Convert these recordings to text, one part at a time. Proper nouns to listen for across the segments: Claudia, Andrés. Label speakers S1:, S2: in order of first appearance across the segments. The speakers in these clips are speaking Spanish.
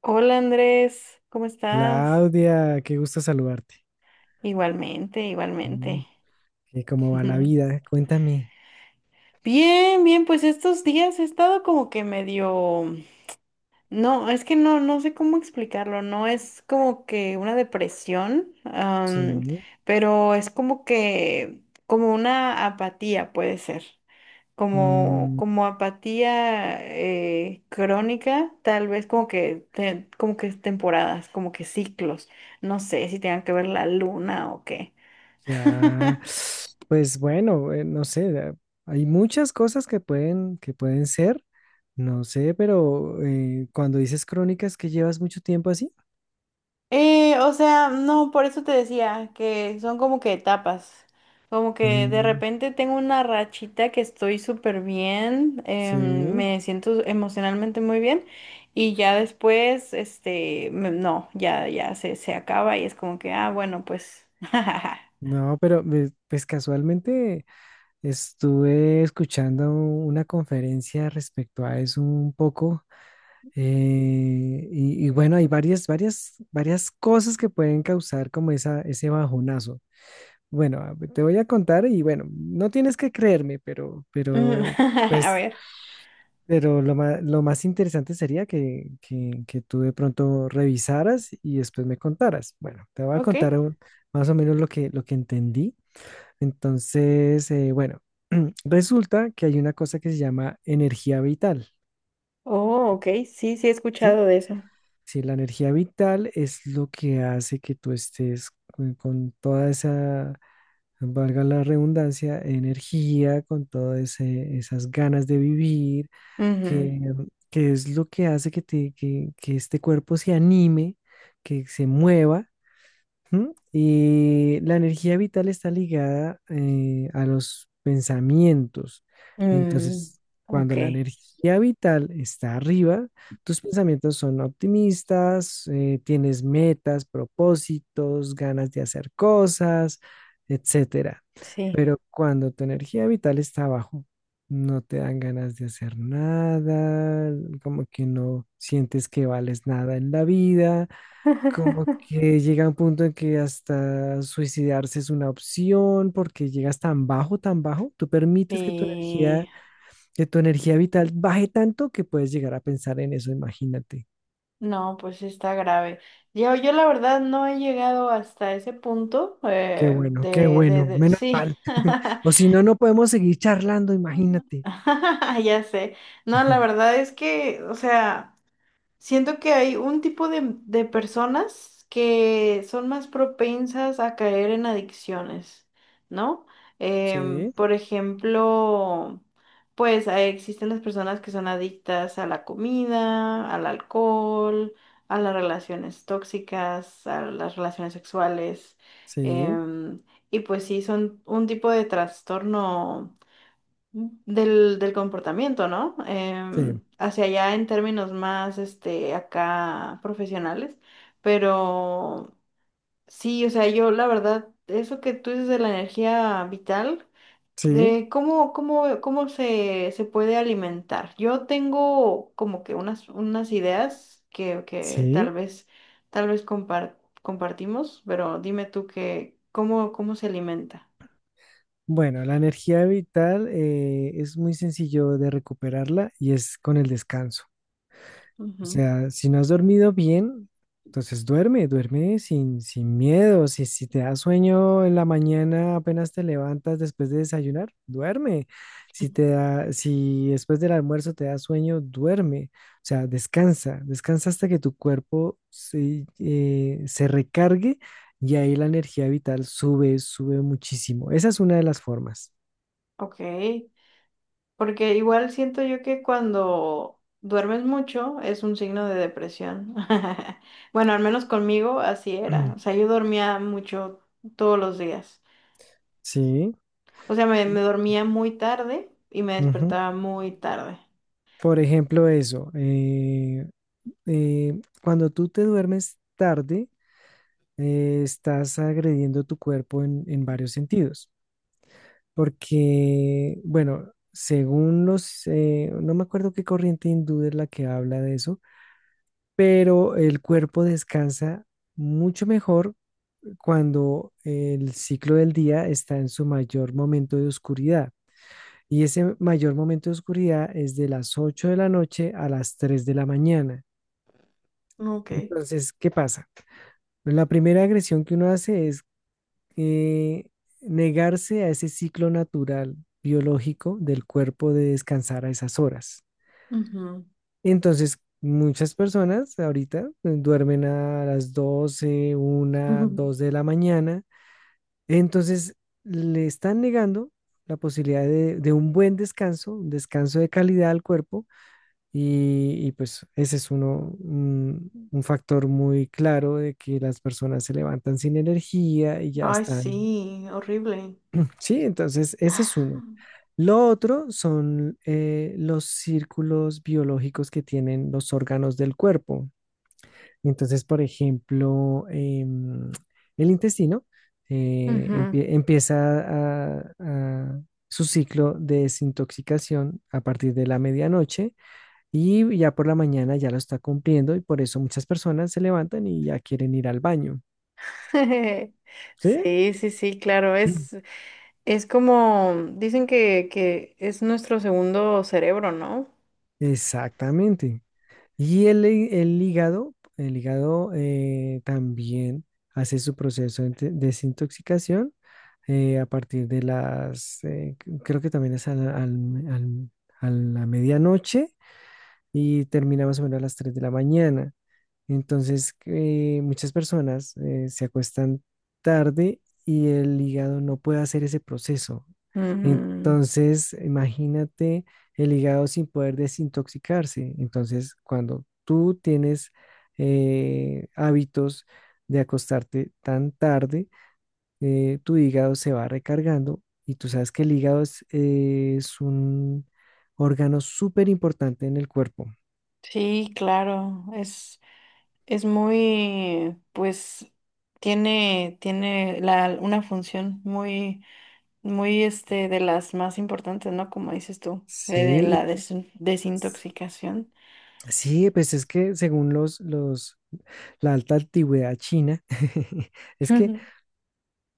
S1: Hola Andrés, ¿cómo estás?
S2: Claudia, qué gusto saludarte.
S1: Igualmente,
S2: Mm,
S1: igualmente.
S2: ¿Cómo va la vida? Cuéntame.
S1: Bien, bien, pues estos días he estado como que medio, no, es que no, no sé cómo explicarlo, no es como que una depresión,
S2: Sí.
S1: pero es como que, como una apatía puede ser, como,
S2: Mm,
S1: como apatía crónica, tal vez como que temporadas, como que ciclos, no sé si tengan que ver la luna o qué.
S2: ya, pues bueno, no sé, hay muchas cosas que pueden ser, no sé, pero cuando dices crónicas que llevas mucho tiempo así.
S1: O sea, no, por eso te decía que son como que etapas. Como que de
S2: Mm,
S1: repente tengo una rachita que estoy súper bien,
S2: sí.
S1: me siento emocionalmente muy bien y ya después, este, no, ya se acaba y es como que, ah, bueno, pues,
S2: No, pero pues casualmente estuve escuchando una conferencia respecto a eso un poco. Y bueno, hay varias, cosas que pueden causar como esa, ese bajonazo. Bueno, te voy a contar y bueno, no tienes que creerme, pero,
S1: Mm,
S2: pero,
S1: a
S2: pues,
S1: ver,
S2: pero lo más, interesante sería que tú de pronto revisaras y después me contaras. Bueno, te voy a
S1: ok.
S2: contar más o menos lo que, entendí. Entonces, bueno, resulta que hay una cosa que se llama energía vital.
S1: Oh, ok, sí, sí he
S2: ¿Sí?
S1: escuchado de eso.
S2: Sí, la energía vital es lo que hace que tú estés con, toda esa, valga la redundancia, energía, con todas esas ganas de vivir,
S1: Ujú.
S2: que, es lo que hace que este cuerpo se anime, que se mueva. ¿Mm? Y la energía vital está ligada a los pensamientos.
S1: Mm,
S2: Entonces,
S1: ok,
S2: cuando la energía vital está arriba, tus pensamientos son optimistas, tienes metas, propósitos, ganas de hacer cosas, etcétera.
S1: sí.
S2: Pero cuando tu energía vital está abajo, no te dan ganas de hacer nada, como que no sientes que vales nada en la vida, como que llega un punto en que hasta suicidarse es una opción porque llegas tan bajo, tú permites que tu
S1: Sí.
S2: energía, vital baje tanto que puedes llegar a pensar en eso, imagínate.
S1: No, pues sí está grave. Yo la verdad no he llegado hasta ese punto
S2: Qué
S1: de, de,
S2: bueno,
S1: de,
S2: menos
S1: sí,
S2: mal. O si no, no podemos seguir charlando, imagínate.
S1: ya sé. No, la verdad es que, o sea. Siento que hay un tipo de, personas que son más propensas a caer en adicciones, ¿no?
S2: Sí,
S1: Por ejemplo, pues existen las personas que son adictas a la comida, al alcohol, a las relaciones tóxicas, a las relaciones sexuales.
S2: sí,
S1: em, y pues sí, son un tipo de trastorno del comportamiento, ¿no?
S2: sí,
S1: Hacia allá en términos más, este, acá profesionales, pero sí, o sea, yo la verdad, eso que tú dices de la energía vital,
S2: sí,
S1: de ¿cómo se puede alimentar? Yo tengo como que unas ideas que
S2: sí.
S1: tal vez compartimos, pero dime tú que, ¿cómo se alimenta?
S2: Bueno, la energía vital es muy sencillo de recuperarla y es con el descanso. O
S1: Ujú.
S2: sea, si no has dormido bien, entonces duerme, duerme sin, miedo. Si te da sueño en la mañana, apenas te levantas después de desayunar, duerme. Si después del almuerzo te da sueño, duerme. O sea, descansa, descansa hasta que tu cuerpo se recargue y ahí la energía vital sube, sube muchísimo. Esa es una de las formas.
S1: Ok. Porque igual siento yo que cuando duermes mucho es un signo de depresión. Bueno, al menos conmigo así era. O sea, yo dormía mucho todos los días.
S2: Sí.
S1: O sea, me dormía muy tarde y me
S2: Ujú.
S1: despertaba muy tarde.
S2: Por ejemplo, eso. Cuando tú te duermes tarde, estás agrediendo tu cuerpo en, varios sentidos, porque, bueno, según no me acuerdo qué corriente hindú es la que habla de eso, pero el cuerpo descansa mucho mejor cuando el ciclo del día está en su mayor momento de oscuridad. Y ese mayor momento de oscuridad es de las 8 de la noche a las 3 de la mañana.
S1: Ok.
S2: Entonces, ¿qué pasa? La primera agresión que uno hace es eh, negarse a ese ciclo natural biológico del cuerpo de descansar a esas horas.
S1: Ujú.
S2: Entonces, muchas personas ahorita duermen a las doce una dos de la mañana. Entonces, le están negando la posibilidad de, un buen descanso, un descanso de calidad al cuerpo pues ese es un factor muy claro de que las personas se levantan sin energía y ya
S1: Ay,
S2: están.
S1: sí, horrible.
S2: Sí, entonces ese es uno. Lo otro son los círculos biológicos que tienen los órganos del cuerpo. Entonces, por ejemplo, em, el intestino
S1: Ujú.
S2: empieza a su ciclo de desintoxicación a partir de la medianoche y ya por la mañana ya lo está cumpliendo y por eso muchas personas se levantan y ya quieren ir al baño. ¿Sí?
S1: Sí, sí, sí, claro, es como, dicen que es nuestro segundo cerebro, ¿no?
S2: Exactamente. Y el hígado, también hace su proceso de desintoxicación a partir de creo que también es a la medianoche y termina más o menos a las 3 de la mañana. Entonces, muchas personas se acuestan tarde y el hígado no puede hacer ese proceso.
S1: Ujú.
S2: Entonces, imagínate el hígado sin poder desintoxicarse. Entonces, cuando tú tienes hábitos de acostarte tan tarde, tu hígado se va recargando y tú sabes que el hígado es un órgano súper importante en el cuerpo.
S1: Sí, claro, es muy, pues, tiene una función muy, muy, este, de las más importantes, ¿no? Como dices tú, de la
S2: Sí,
S1: desintoxicación.
S2: sí, pues es que según la alta antigüedad china, es que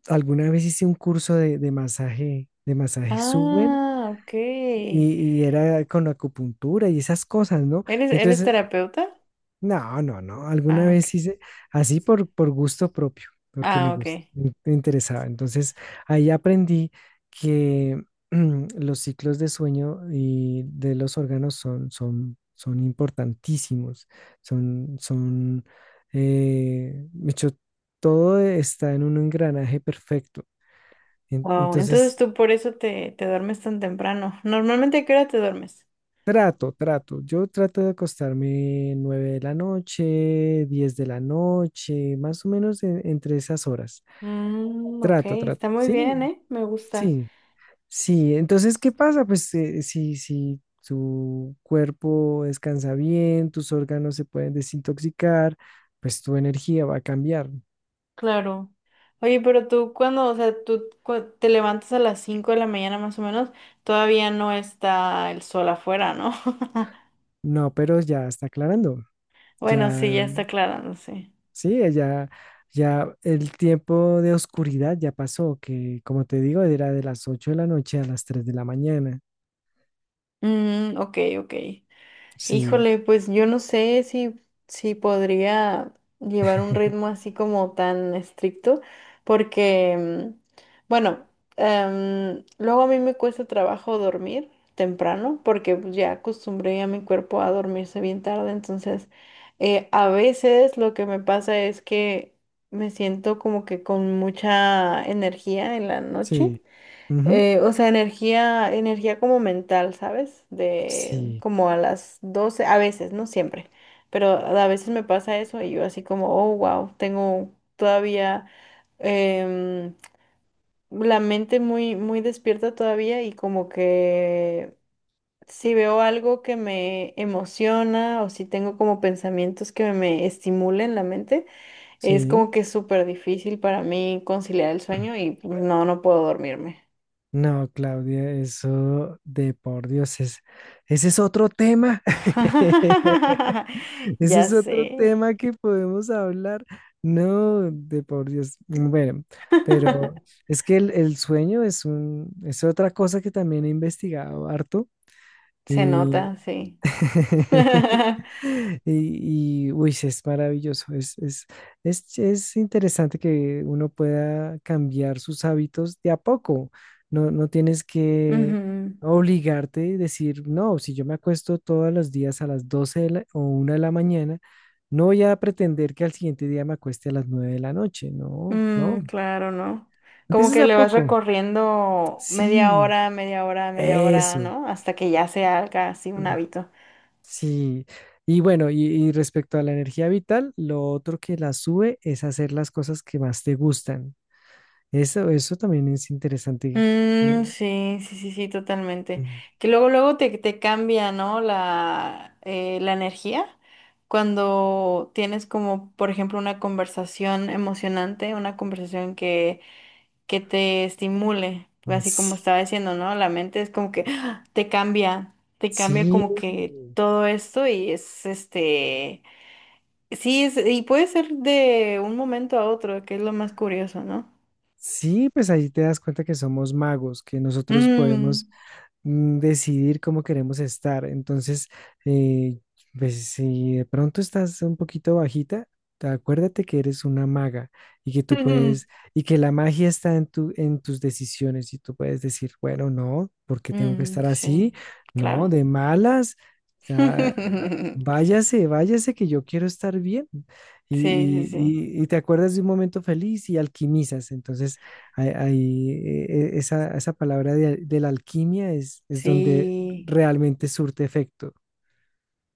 S2: alguna vez hice un curso de, masaje, de masaje suwen
S1: Ah, ok. ¿Eres,
S2: y era con acupuntura y esas cosas, ¿no?
S1: eres
S2: Entonces
S1: terapeuta?
S2: no, no, no. Alguna
S1: Ah, ok.
S2: vez hice así por, gusto propio, porque
S1: Ah, ok.
S2: me interesaba. Entonces, ahí aprendí que los ciclos de sueño y de los órganos son importantísimos. Son, son, de hecho, todo está en un engranaje perfecto.
S1: Wow,
S2: Entonces,
S1: entonces tú por eso te duermes tan temprano. ¿Normalmente a qué hora te duermes?
S2: trato, trato. Yo trato de acostarme 9 de la noche, 10 de la noche, más o menos entre esas horas.
S1: Mm, ok,
S2: Trato, trato.
S1: está muy
S2: Sí,
S1: bien, ¿eh? Me gusta.
S2: sí, sí. Entonces, ¿qué pasa? Pues si tu cuerpo descansa bien, tus órganos se pueden desintoxicar, pues tu energía va a cambiar.
S1: Claro. Oye, pero tú cuando, o sea, tú te levantas a las 5 de la mañana más o menos, todavía no está el sol afuera, ¿no?
S2: No, pero ya está aclarando.
S1: Bueno,
S2: Ya
S1: sí, ya está aclarándose.
S2: Sí, ella, ya el tiempo de oscuridad ya pasó, que como te digo, era de las 8 de la noche a las tres de la mañana.
S1: Mm, ok, ok.
S2: Sí,
S1: Híjole, pues yo no sé si podría llevar un ritmo así como tan estricto, porque, bueno, luego a mí me cuesta trabajo dormir temprano, porque pues, ya acostumbré a mi cuerpo a dormirse bien tarde, entonces a veces lo que me pasa es que me siento como que con mucha energía en la noche.
S2: sí. Ujú.
S1: O sea, energía, energía como mental, ¿sabes? De
S2: Sí,
S1: como a las 12, a veces, no siempre, pero a veces me pasa eso y yo así como, oh, wow, tengo todavía em, la mente muy, muy despierta todavía y como que si veo algo que me emociona o si tengo como pensamientos que me estimulen la mente, es
S2: sí.
S1: como que es súper difícil para mí conciliar el sueño y pues, no puedo dormirme.
S2: No, Claudia, eso de por Dios ese es otro tema. Ese
S1: Ya
S2: es otro
S1: sé.
S2: tema que podemos hablar. No, de por Dios. Bueno, pero es que el sueño es es otra cosa que también he investigado harto.
S1: Se nota, sí.
S2: Y, uy, sí, es maravilloso. Es interesante que uno pueda cambiar sus hábitos de a poco. No, no tienes que
S1: Ujú.
S2: obligarte y decir, no, si yo me acuesto todos los días a las 12 o 1 de la mañana, no voy a pretender que al siguiente día me acueste a las 9 de la noche. No,
S1: Mm,
S2: no.
S1: claro, ¿no? Como
S2: Empiezas
S1: que
S2: de a
S1: le vas
S2: poco.
S1: recorriendo media
S2: Sí,
S1: hora, media hora, media hora,
S2: eso.
S1: ¿no? Hasta que ya se haga así un hábito.
S2: Sí, y bueno, y respecto a la energía vital, lo otro que la sube es hacer las cosas que más te gustan. Eso también es interesante.
S1: Mm,
S2: eh,
S1: sí, sí, sí, sí, totalmente.
S2: Mm,
S1: Que luego, luego te cambia, ¿no? La energía. Cuando tienes como, por ejemplo, una conversación emocionante, una conversación que te estimule,
S2: mm,
S1: así como estaba
S2: sí,
S1: diciendo, ¿no? La mente es como que ¡ah! Te cambia
S2: sí,
S1: como que todo esto y es este, sí, es, y puede ser de un momento a otro, que es lo más curioso, ¿no?
S2: sí, pues ahí te das cuenta que somos magos, que nosotros
S1: Mm,
S2: podemos decidir cómo queremos estar. Entonces, eh, pues, si de pronto estás un poquito bajita, acuérdate que eres una maga y que tú puedes, y que la magia está en tus decisiones y tú puedes decir, bueno, no, ¿porque tengo que
S1: mm,
S2: estar así?
S1: sí,
S2: No,
S1: claro.
S2: de malas. O sea, váyase, váyase que yo quiero estar bien.
S1: Sí, sí,
S2: Y, y-
S1: sí.
S2: y- y te acuerdas de un momento feliz y alquimizas. Entonces, ahí, esa palabra de, la alquimia es donde
S1: Sí.
S2: realmente surte efecto.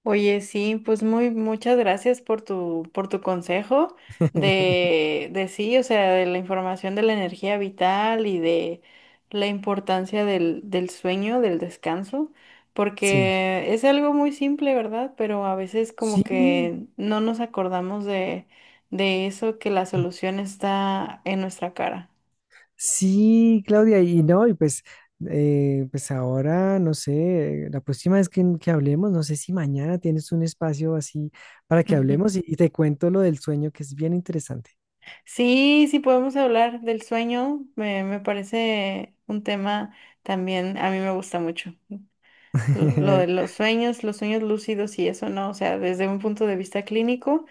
S1: Oye, sí, pues muchas gracias por tu, consejo de sí, o sea, de la información de la energía vital y de la importancia del sueño, del descanso,
S2: Sí.
S1: porque es algo muy simple, ¿verdad? Pero a veces como
S2: Sí,
S1: que no nos acordamos de eso, que la solución está en nuestra cara.
S2: sí, Claudia, y no, y pues, ahora, no sé, la próxima vez que hablemos, no sé si mañana tienes un espacio así para que hablemos y, y te cuento lo del sueño, que es bien interesante.
S1: Sí, sí podemos hablar del sueño, me parece un tema también, a mí me gusta mucho. Lo de los sueños lúcidos y eso, ¿no? O sea, desde un punto de vista clínico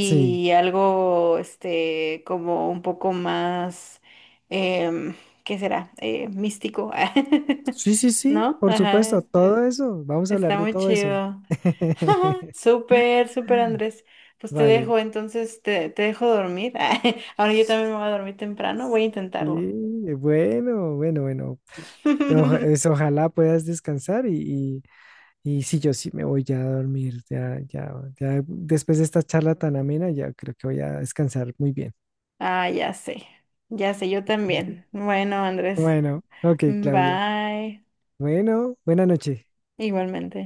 S2: Sí,
S1: algo, este, como un poco más, em, ¿qué será? Místico,
S2: sí, sí, sí,
S1: ¿no?
S2: por
S1: Ajá,
S2: supuesto,
S1: eh,
S2: todo eso, vamos a hablar
S1: está
S2: de
S1: muy
S2: todo eso.
S1: chido. Súper, súper, Andrés. Pues te
S2: Vale.
S1: dejo, entonces te dejo dormir. Ahora yo también me voy a dormir temprano, voy a intentarlo.
S2: Sí, bueno, bueno, bueno. Ojalá puedas descansar y sí, yo sí me voy ya a dormir. Ya, ya, ya después de esta charla tan amena, ya creo que voy a descansar muy bien.
S1: Ah, ya sé, yo también. Bueno, Andrés.
S2: Bueno, ok, Claudia.
S1: Bye.
S2: Bueno, buena noche.
S1: Igualmente.